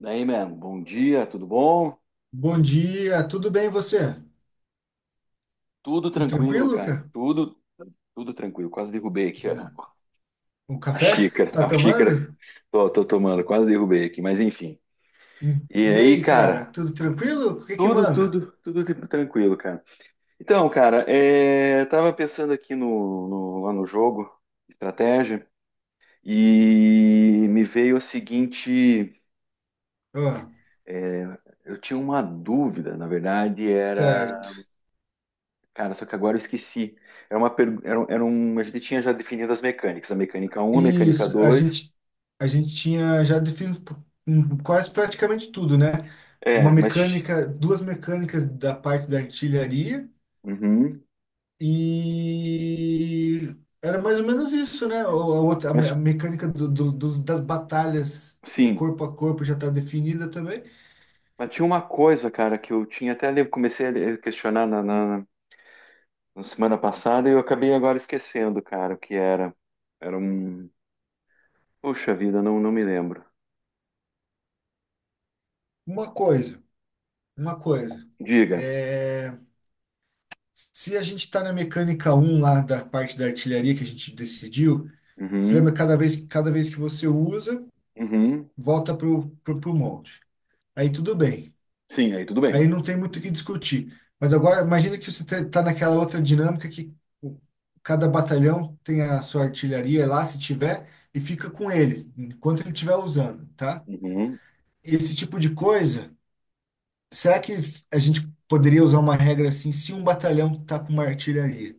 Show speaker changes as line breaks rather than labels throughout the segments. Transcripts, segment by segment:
Daí, mano, bom dia, tudo bom?
Bom dia, tudo bem e você?
Tudo
Tudo
tranquilo,
tranquilo,
cara.
cara?
Tudo tranquilo. Quase derrubei aqui a,
O
a
café?
xícara.
Tá
A xícara
tomando?
tô tomando, quase derrubei aqui, mas enfim.
Hum.
E
E
aí,
aí, cara,
cara,
tudo tranquilo? O que que
tudo,
manda?
tudo, tudo tipo tranquilo, cara. Então, cara, tava pensando aqui lá no jogo, estratégia, e me veio a seguinte.
Ó,
é, eu tinha uma dúvida, na verdade, era...
certo.
Cara, só que agora eu esqueci. Era uma per... era um... A gente tinha já definido as mecânicas. A mecânica um, a mecânica
Isso, a
dois...
gente, a gente tinha já definido quase praticamente tudo, né? Uma
É, mas...
mecânica, duas mecânicas da parte da artilharia
Uhum.
e era mais ou menos isso, né? Ou a outra, a
Mas,
mecânica das batalhas
sim.
corpo a corpo já está definida também.
Mas tinha uma coisa, cara, que eu tinha até... comecei a questionar na semana passada e eu acabei agora esquecendo, cara, o que era. Era um... Poxa vida, não me lembro.
Uma coisa, uma coisa.
Diga.
É, se a gente está na mecânica um lá da parte da artilharia que a gente decidiu, você
Uhum.
lembra que cada vez que você usa,
Uhum.
volta para o monte. Aí tudo bem.
Sim, aí tudo bem.
Aí não tem muito o que discutir. Mas agora, imagina que você está naquela outra dinâmica que o- cada batalhão tem a sua artilharia lá, se tiver, e fica com ele, enquanto ele estiver usando, tá?
Uhum.
Esse tipo de coisa. Será que a gente poderia usar uma regra assim, se um batalhão tá com uma artilharia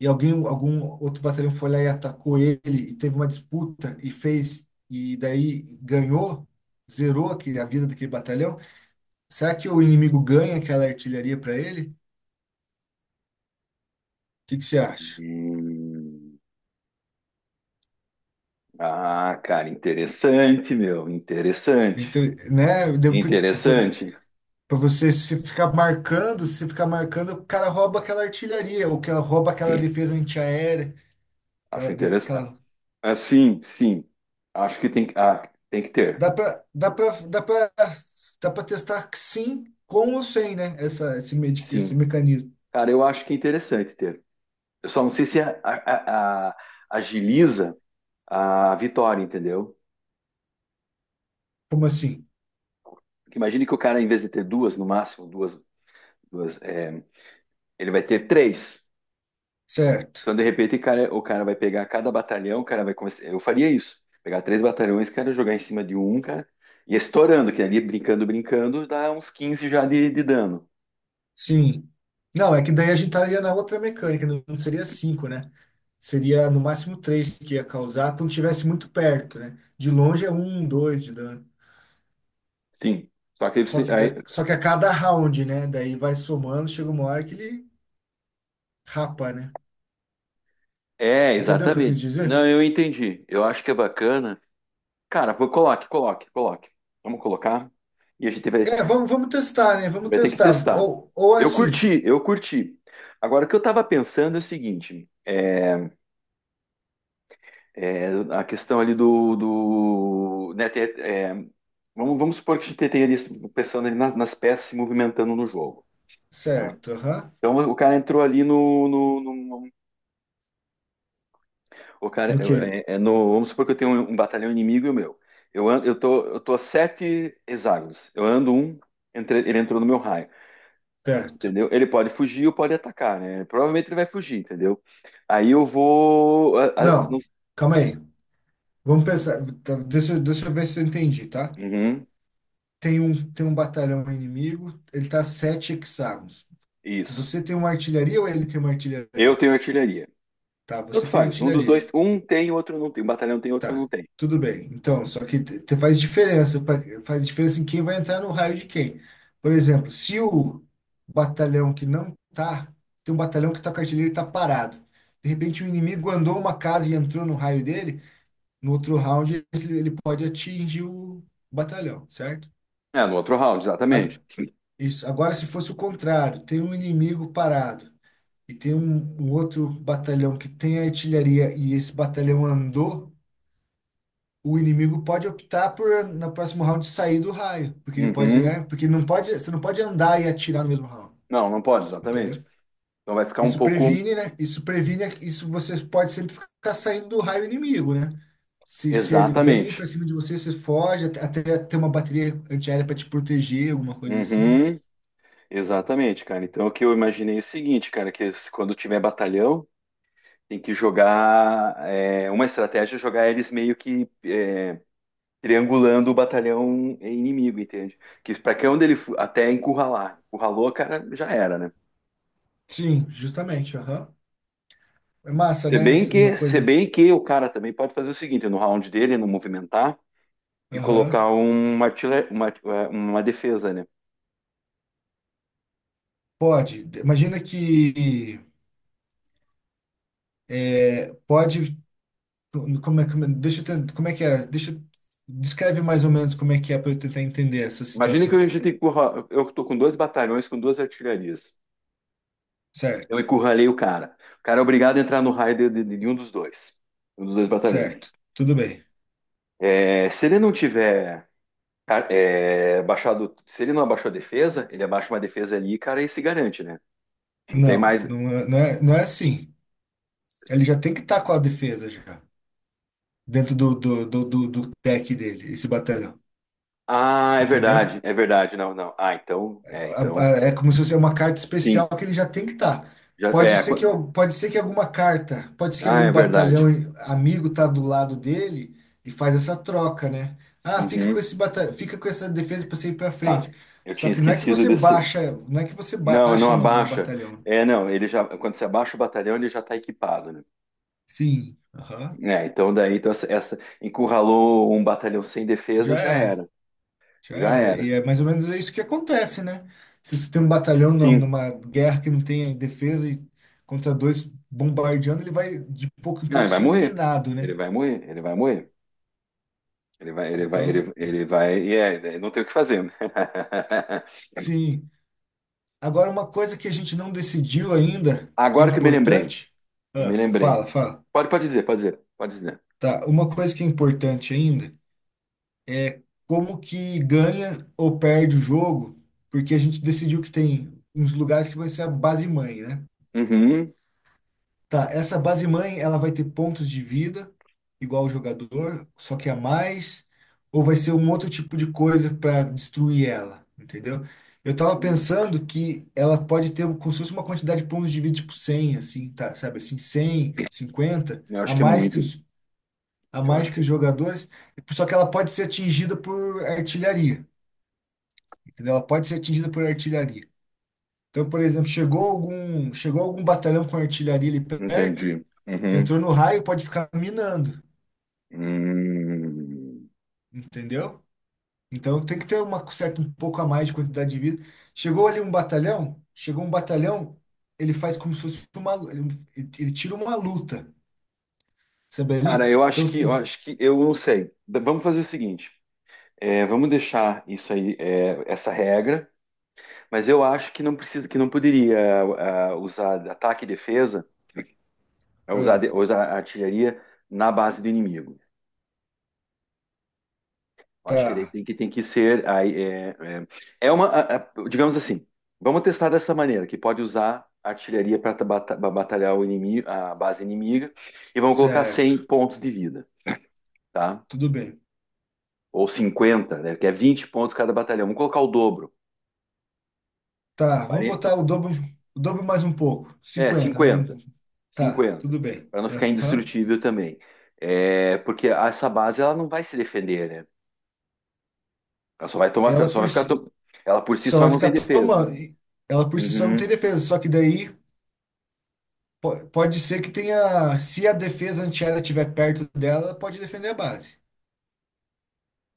e algum outro batalhão foi lá e atacou ele e teve uma disputa e fez e daí ganhou, zerou aquele, a vida daquele batalhão, será que o inimigo ganha aquela artilharia para ele? O que que você acha?
Hum. Ah, cara, interessante, meu. Interessante.
Então, né,
Interessante.
para você se ficar marcando, se ficar marcando, o cara rouba aquela artilharia ou que ela rouba aquela defesa antiaérea,
Acho
aquela, de-
interessante.
aquela
Ah, sim, sim. Acho que tem que. Ah, tem que ter.
Dá para dá para dá para dá para testar que sim com ou sem, né? Esse
Sim.
mecanismo.
Cara, eu acho que é interessante ter. Eu só não sei se agiliza a vitória, entendeu?
Como assim?
Porque imagine que o cara, em vez de ter duas, no máximo, duas, ele vai ter três.
Certo.
Então, de repente, o cara vai pegar cada batalhão, o cara vai começar. Eu faria isso. Pegar três batalhões, cara, jogar em cima de um, cara, e estourando, que ali brincando, brincando, dá uns 15 já de dano.
Sim. Não, é que daí a gente estaria na outra mecânica, não seria cinco, né? Seria no máximo três que ia causar quando estivesse muito perto, né? De longe é um, dois de dano.
Sim. Só que
Só
você-
que,
aí-
ga- só que a cada round, né? Daí vai somando, chega uma hora que ele rapa, né? Entendeu o que eu
exatamente.
quis dizer?
Não, eu entendi. Eu acho que é bacana. Cara, vou- coloque, coloque, coloque. Vamos colocar? E a gente vai,
É, vamos testar, né? Vamos
vai ter que
testar.
testar.
Ou
Eu
assim.
curti, eu curti. Agora, o que eu tava pensando é o seguinte: é, é a questão ali do né, ter- vamos supor que a gente tenha ali pensando ali na- nas, peças se movimentando no jogo, tá?
Certo, aham.
Então o cara entrou ali no, pô, cara,
No
eu-
quê?
no, vamos supor que eu tenho um batalhão inimigo e o meu. Eu tô a sete hexágonos. Eu ando um, entre- ele entrou no meu raio,
Perto.
entendeu? Ele pode fugir ou pode atacar, né? Provavelmente ele vai fugir, entendeu? Aí eu vou. A- não-
Não, calma aí. Vamos pensar, tá. Deixa eu ver se eu entendi, tá?
Uhum,
Tem um batalhão inimigo, ele tá a 7 hexágonos.
isso.
Você tem uma artilharia ou ele tem uma
Eu
artilharia?
tenho artilharia.
Tá, você
Tanto
tem
faz. Um dos
artilharia.
dois, um tem, o outro não tem. Um batalhão tem, outro
Tá,
não tem.
tudo bem. Então, só que te faz diferença, faz diferença em quem vai entrar no raio de quem. Por exemplo, se o batalhão que não tá, tem um batalhão que tá com a artilharia e tá parado. De repente, o inimigo andou uma casa e entrou no raio dele. No outro round, ele pode atingir o batalhão, certo?
É, no outro round,
A-
exatamente.
Isso. Agora, se fosse o contrário, tem um inimigo parado e tem um outro batalhão que tem artilharia e esse batalhão andou, o inimigo pode optar por, no próximo round, sair do raio, porque ele pode,
Uhum.
né? Porque não pode, você não pode andar e atirar no mesmo round,
Não, não pode,
entendeu?
exatamente. Então vai ficar um
Isso
pouco.
previne, né? Isso previne, isso você pode sempre ficar saindo do raio inimigo, né? Se ele vem
Exatamente.
pra cima de você, você foge, até ter uma bateria antiaérea pra te proteger, alguma coisa assim, né?
Uhum. Exatamente, cara. Então, o que eu imaginei é o seguinte, cara, que s- quando tiver batalhão, tem que jogar. Uma estratégia é jogar eles meio que triangulando o batalhão inimigo, entende? Que para que onde ele fu- até encurralar. Encurralou, cara, já era, né?
Sim, justamente, aham. É massa,
Se
né?
bem
Uma
que, se
coisa.
bem que o cara também pode fazer o seguinte, no round dele, no movimentar, e
Aham.
colocar um artilha- uma defesa, né?
Pode. Imagina que pode. Como é que é? Descreve mais ou menos como é que é para eu tentar entender essa
Imagina que a
situação.
gente tem que encurra- eu tô com dois batalhões com duas artilharias. Eu
Certo,
encurralei o cara. O cara é obrigado a entrar no raio de um dos dois. Um dos dois batalhões.
certo. Tudo bem.
É, se ele não tiver ca- baixado. Se ele não abaixou a defesa, ele abaixa uma defesa ali, cara, e se garante, né? Não tem
Não,
mais.
não é assim. Ele já tem que estar com a defesa já, dentro do deck dele, esse batalhão.
Ah, é
Entendeu?
verdade, é verdade. Não, não. Ah, então. É,
A-
então.
É como se fosse uma carta
Sim.
especial que ele já tem que estar.
Já,
Pode ser
qu-
que, eu- pode ser que alguma carta, pode ser que
ah, é
algum batalhão
verdade.
amigo tá do lado dele e faz essa troca, né? Ah, fica com
Uhum,
esse batalhão, fica com essa defesa para você ir para
tá.
frente.
Eu
Só
tinha
que não é que
esquecido
você
desse.
baixa, não é que você
Não, não
baixa no
abaixa.
batalhão.
É, não, ele já. Quando você abaixa o batalhão, ele já está equipado, né?
Sim, aham.
É, então daí então encurralou um batalhão sem defesa,
Já
já
é.
era,
Já
já
era.
era.
E é mais ou menos isso que acontece, né? Se você tem um batalhão
Sim.
numa guerra que não tem defesa e contra dois bombardeando, ele vai de pouco em
Não,
pouco
ele vai
sendo
morrer.
minado,
Ele
né?
vai morrer, ele vai morrer. Ele vai, ele vai,
Então,
ele, ele vai, e não tem o que fazer, né?
sim. Agora, uma coisa que a gente não decidiu ainda, que é
Agora que eu me lembrei,
importante.
eu me
Ah,
lembrei.
fala, fala.
Pode, pode dizer, pode dizer, pode dizer.
Tá, uma coisa que é importante ainda é como que ganha ou perde o jogo, porque a gente decidiu que tem uns lugares que vai ser a base mãe, né?
Uhum.
Tá, essa base mãe, ela vai ter pontos de vida, igual o jogador, só que a mais, ou vai ser um outro tipo de coisa para destruir ela, entendeu? Eu tava
Uhum.
pensando que ela pode ter como se fosse uma quantidade de pontos de vida, tipo 100 assim, tá, sabe, assim, 100, 150
Eu
a
acho que é
mais que
muito.
os, a
Eu
mais
acho
que
que
os jogadores, só que ela pode ser atingida por artilharia, entendeu? Ela pode ser atingida por artilharia. Então, por exemplo, chegou algum batalhão com artilharia ali perto.
entendi. Uhum.
Entrou no raio, pode ficar minando,
Hum.
entendeu? Então tem que ter uma certa um pouco a mais de quantidade de vida. Chegou ali um batalhão, chegou um batalhão, ele faz como se fosse ele tira uma luta, sabe
Cara,
ali?
eu
Então
acho que, eu acho que, eu não sei. Da- Vamos fazer o seguinte. É, vamos deixar isso aí, essa regra, mas eu acho que não precisa, que não poderia usar ataque e defesa, usar, de-
ah,
usar artilharia na base do inimigo. Eu acho que daí
tá,
tem que ser. Aí, é, é, é uma, a- Digamos assim, vamos testar dessa maneira, que pode usar artilharia para batalhar o inimigo, a base inimiga, e vamos colocar
certo,
100 pontos de vida, tá?
tudo bem.
Ou 50 né? Que é 20 pontos cada batalhão. Vamos colocar o dobro.
Tá, vamos botar
40,
o dobro mais um pouco,
é,
50
50
vamos, tá,
cinquenta,
tudo bem.
para não ficar
Aham.
indestrutível também. É, porque essa base ela não vai se defender, né? Ela só vai tomar,
Ela
só vai
por
ficar.
si
To- Ela por si
só
só
vai
não tem
ficar
defesa.
tomando. Ela por si só não tem
Uhum.
defesa, só que daí pode ser que tenha, se a defesa antiaérea estiver perto dela, ela pode defender a base,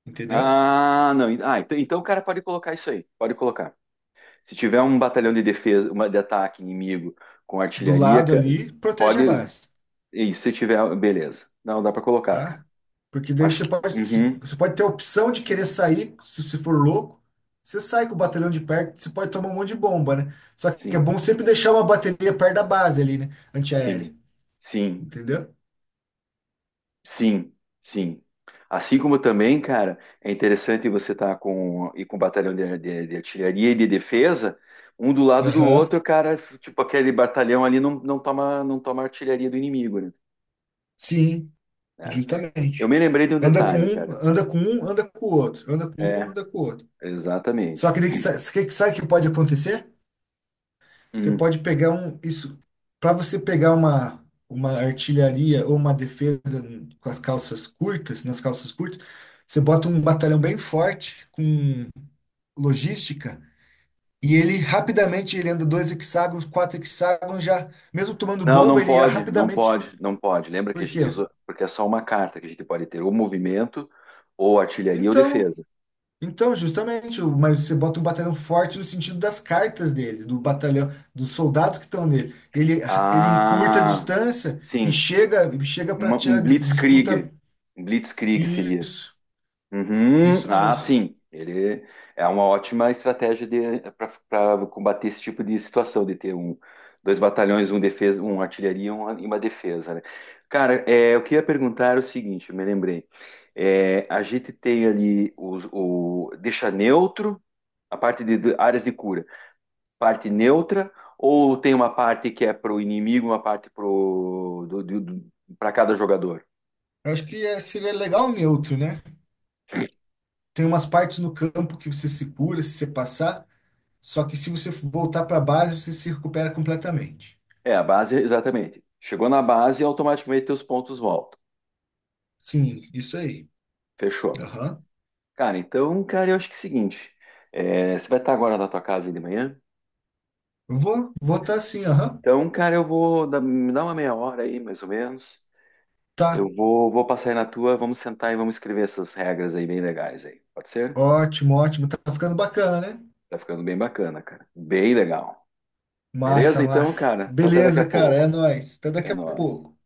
entendeu?
Ah, não. Ah, então o cara pode colocar isso aí. Pode colocar. Se tiver um batalhão de defesa, uma de ataque inimigo com
Do
artilharia,
lado
ca-
ali, protege a
pode.
base,
Isso, se tiver, beleza. Não, dá para colocar, cara.
tá? Porque daí
Acho
você
que.
pode,
Uhum.
você pode ter a opção de querer sair, se você for louco, você sai com o batalhão de perto, você pode tomar um monte de bomba, né? Só que é
Sim,
bom sempre deixar uma bateria perto da base ali, né?
sim,
Antiaérea,
sim.
entendeu?
Sim, sim. Assim como também, cara, é interessante você estar com e com um batalhão de artilharia e de defesa, um do lado do
Aham,
outro, cara, tipo aquele batalhão ali não toma artilharia do inimigo, né?
sim,
É. Eu
justamente.
me lembrei de um
Anda com
detalhe,
um,
cara.
anda com um, anda com o outro, anda com um,
É,
anda com o outro. Só
exatamente.
que daí sabe o que que pode acontecer? Você
Hum.
pode pegar um, isso, para você pegar uma artilharia ou uma defesa com as calças curtas, nas calças curtas, você bota um batalhão bem forte com logística e ele rapidamente ele anda 2 hexágonos, 4 hexágonos já, mesmo tomando
Não,
bomba,
não
ele ia
pode, não
rapidamente.
pode, não pode. Lembra que a
Por
gente
quê?
usou, porque é só uma carta que a gente pode ter, ou movimento, ou artilharia ou
Então,
defesa.
Então, justamente, mas você bota um batalhão forte no sentido das cartas dele, do batalhão, dos soldados que estão nele. Ele encurta a
Ah,
distância e
sim,
chega para
uma-
tirar
um
disputa.
Blitzkrieg. Um Blitzkrieg seria.
Isso,
Uhum.
isso
Ah,
mesmo.
sim. Ele é uma ótima estratégia para combater esse tipo de situação, de ter um, dois batalhões, um defesa, um artilharia e uma defesa, né? Cara, o que eu ia perguntar era o seguinte, eu me lembrei. É, a gente tem ali os- o, deixa neutro a parte de áreas de cura, parte neutra, ou tem uma parte que é pro inimigo, uma parte pro do, para cada jogador?
Eu acho que seria legal neutro, né? Tem umas partes no campo que você se cura se você passar, só que se você voltar para base, você se recupera completamente.
É, a base, exatamente. Chegou na base e automaticamente teus pontos voltam.
Sim, isso aí.
Fechou.
Aham.
Cara, então, cara, eu acho que é o seguinte. Você vai estar agora na tua casa aí de manhã?
Vou tá assim, aham.
Então, cara, eu vou me dar uma meia hora aí, mais ou menos.
Tá.
Eu vou passar aí na tua, vamos sentar e vamos escrever essas regras aí bem legais aí. Pode ser?
Ótimo, ótimo. Tá ficando bacana, né?
Tá ficando bem bacana, cara. Bem legal. Beleza?
Massa,
Então,
massa.
cara, então até daqui a
Beleza, cara, é
pouco.
nóis. Até
É
daqui a
nóis.
pouco.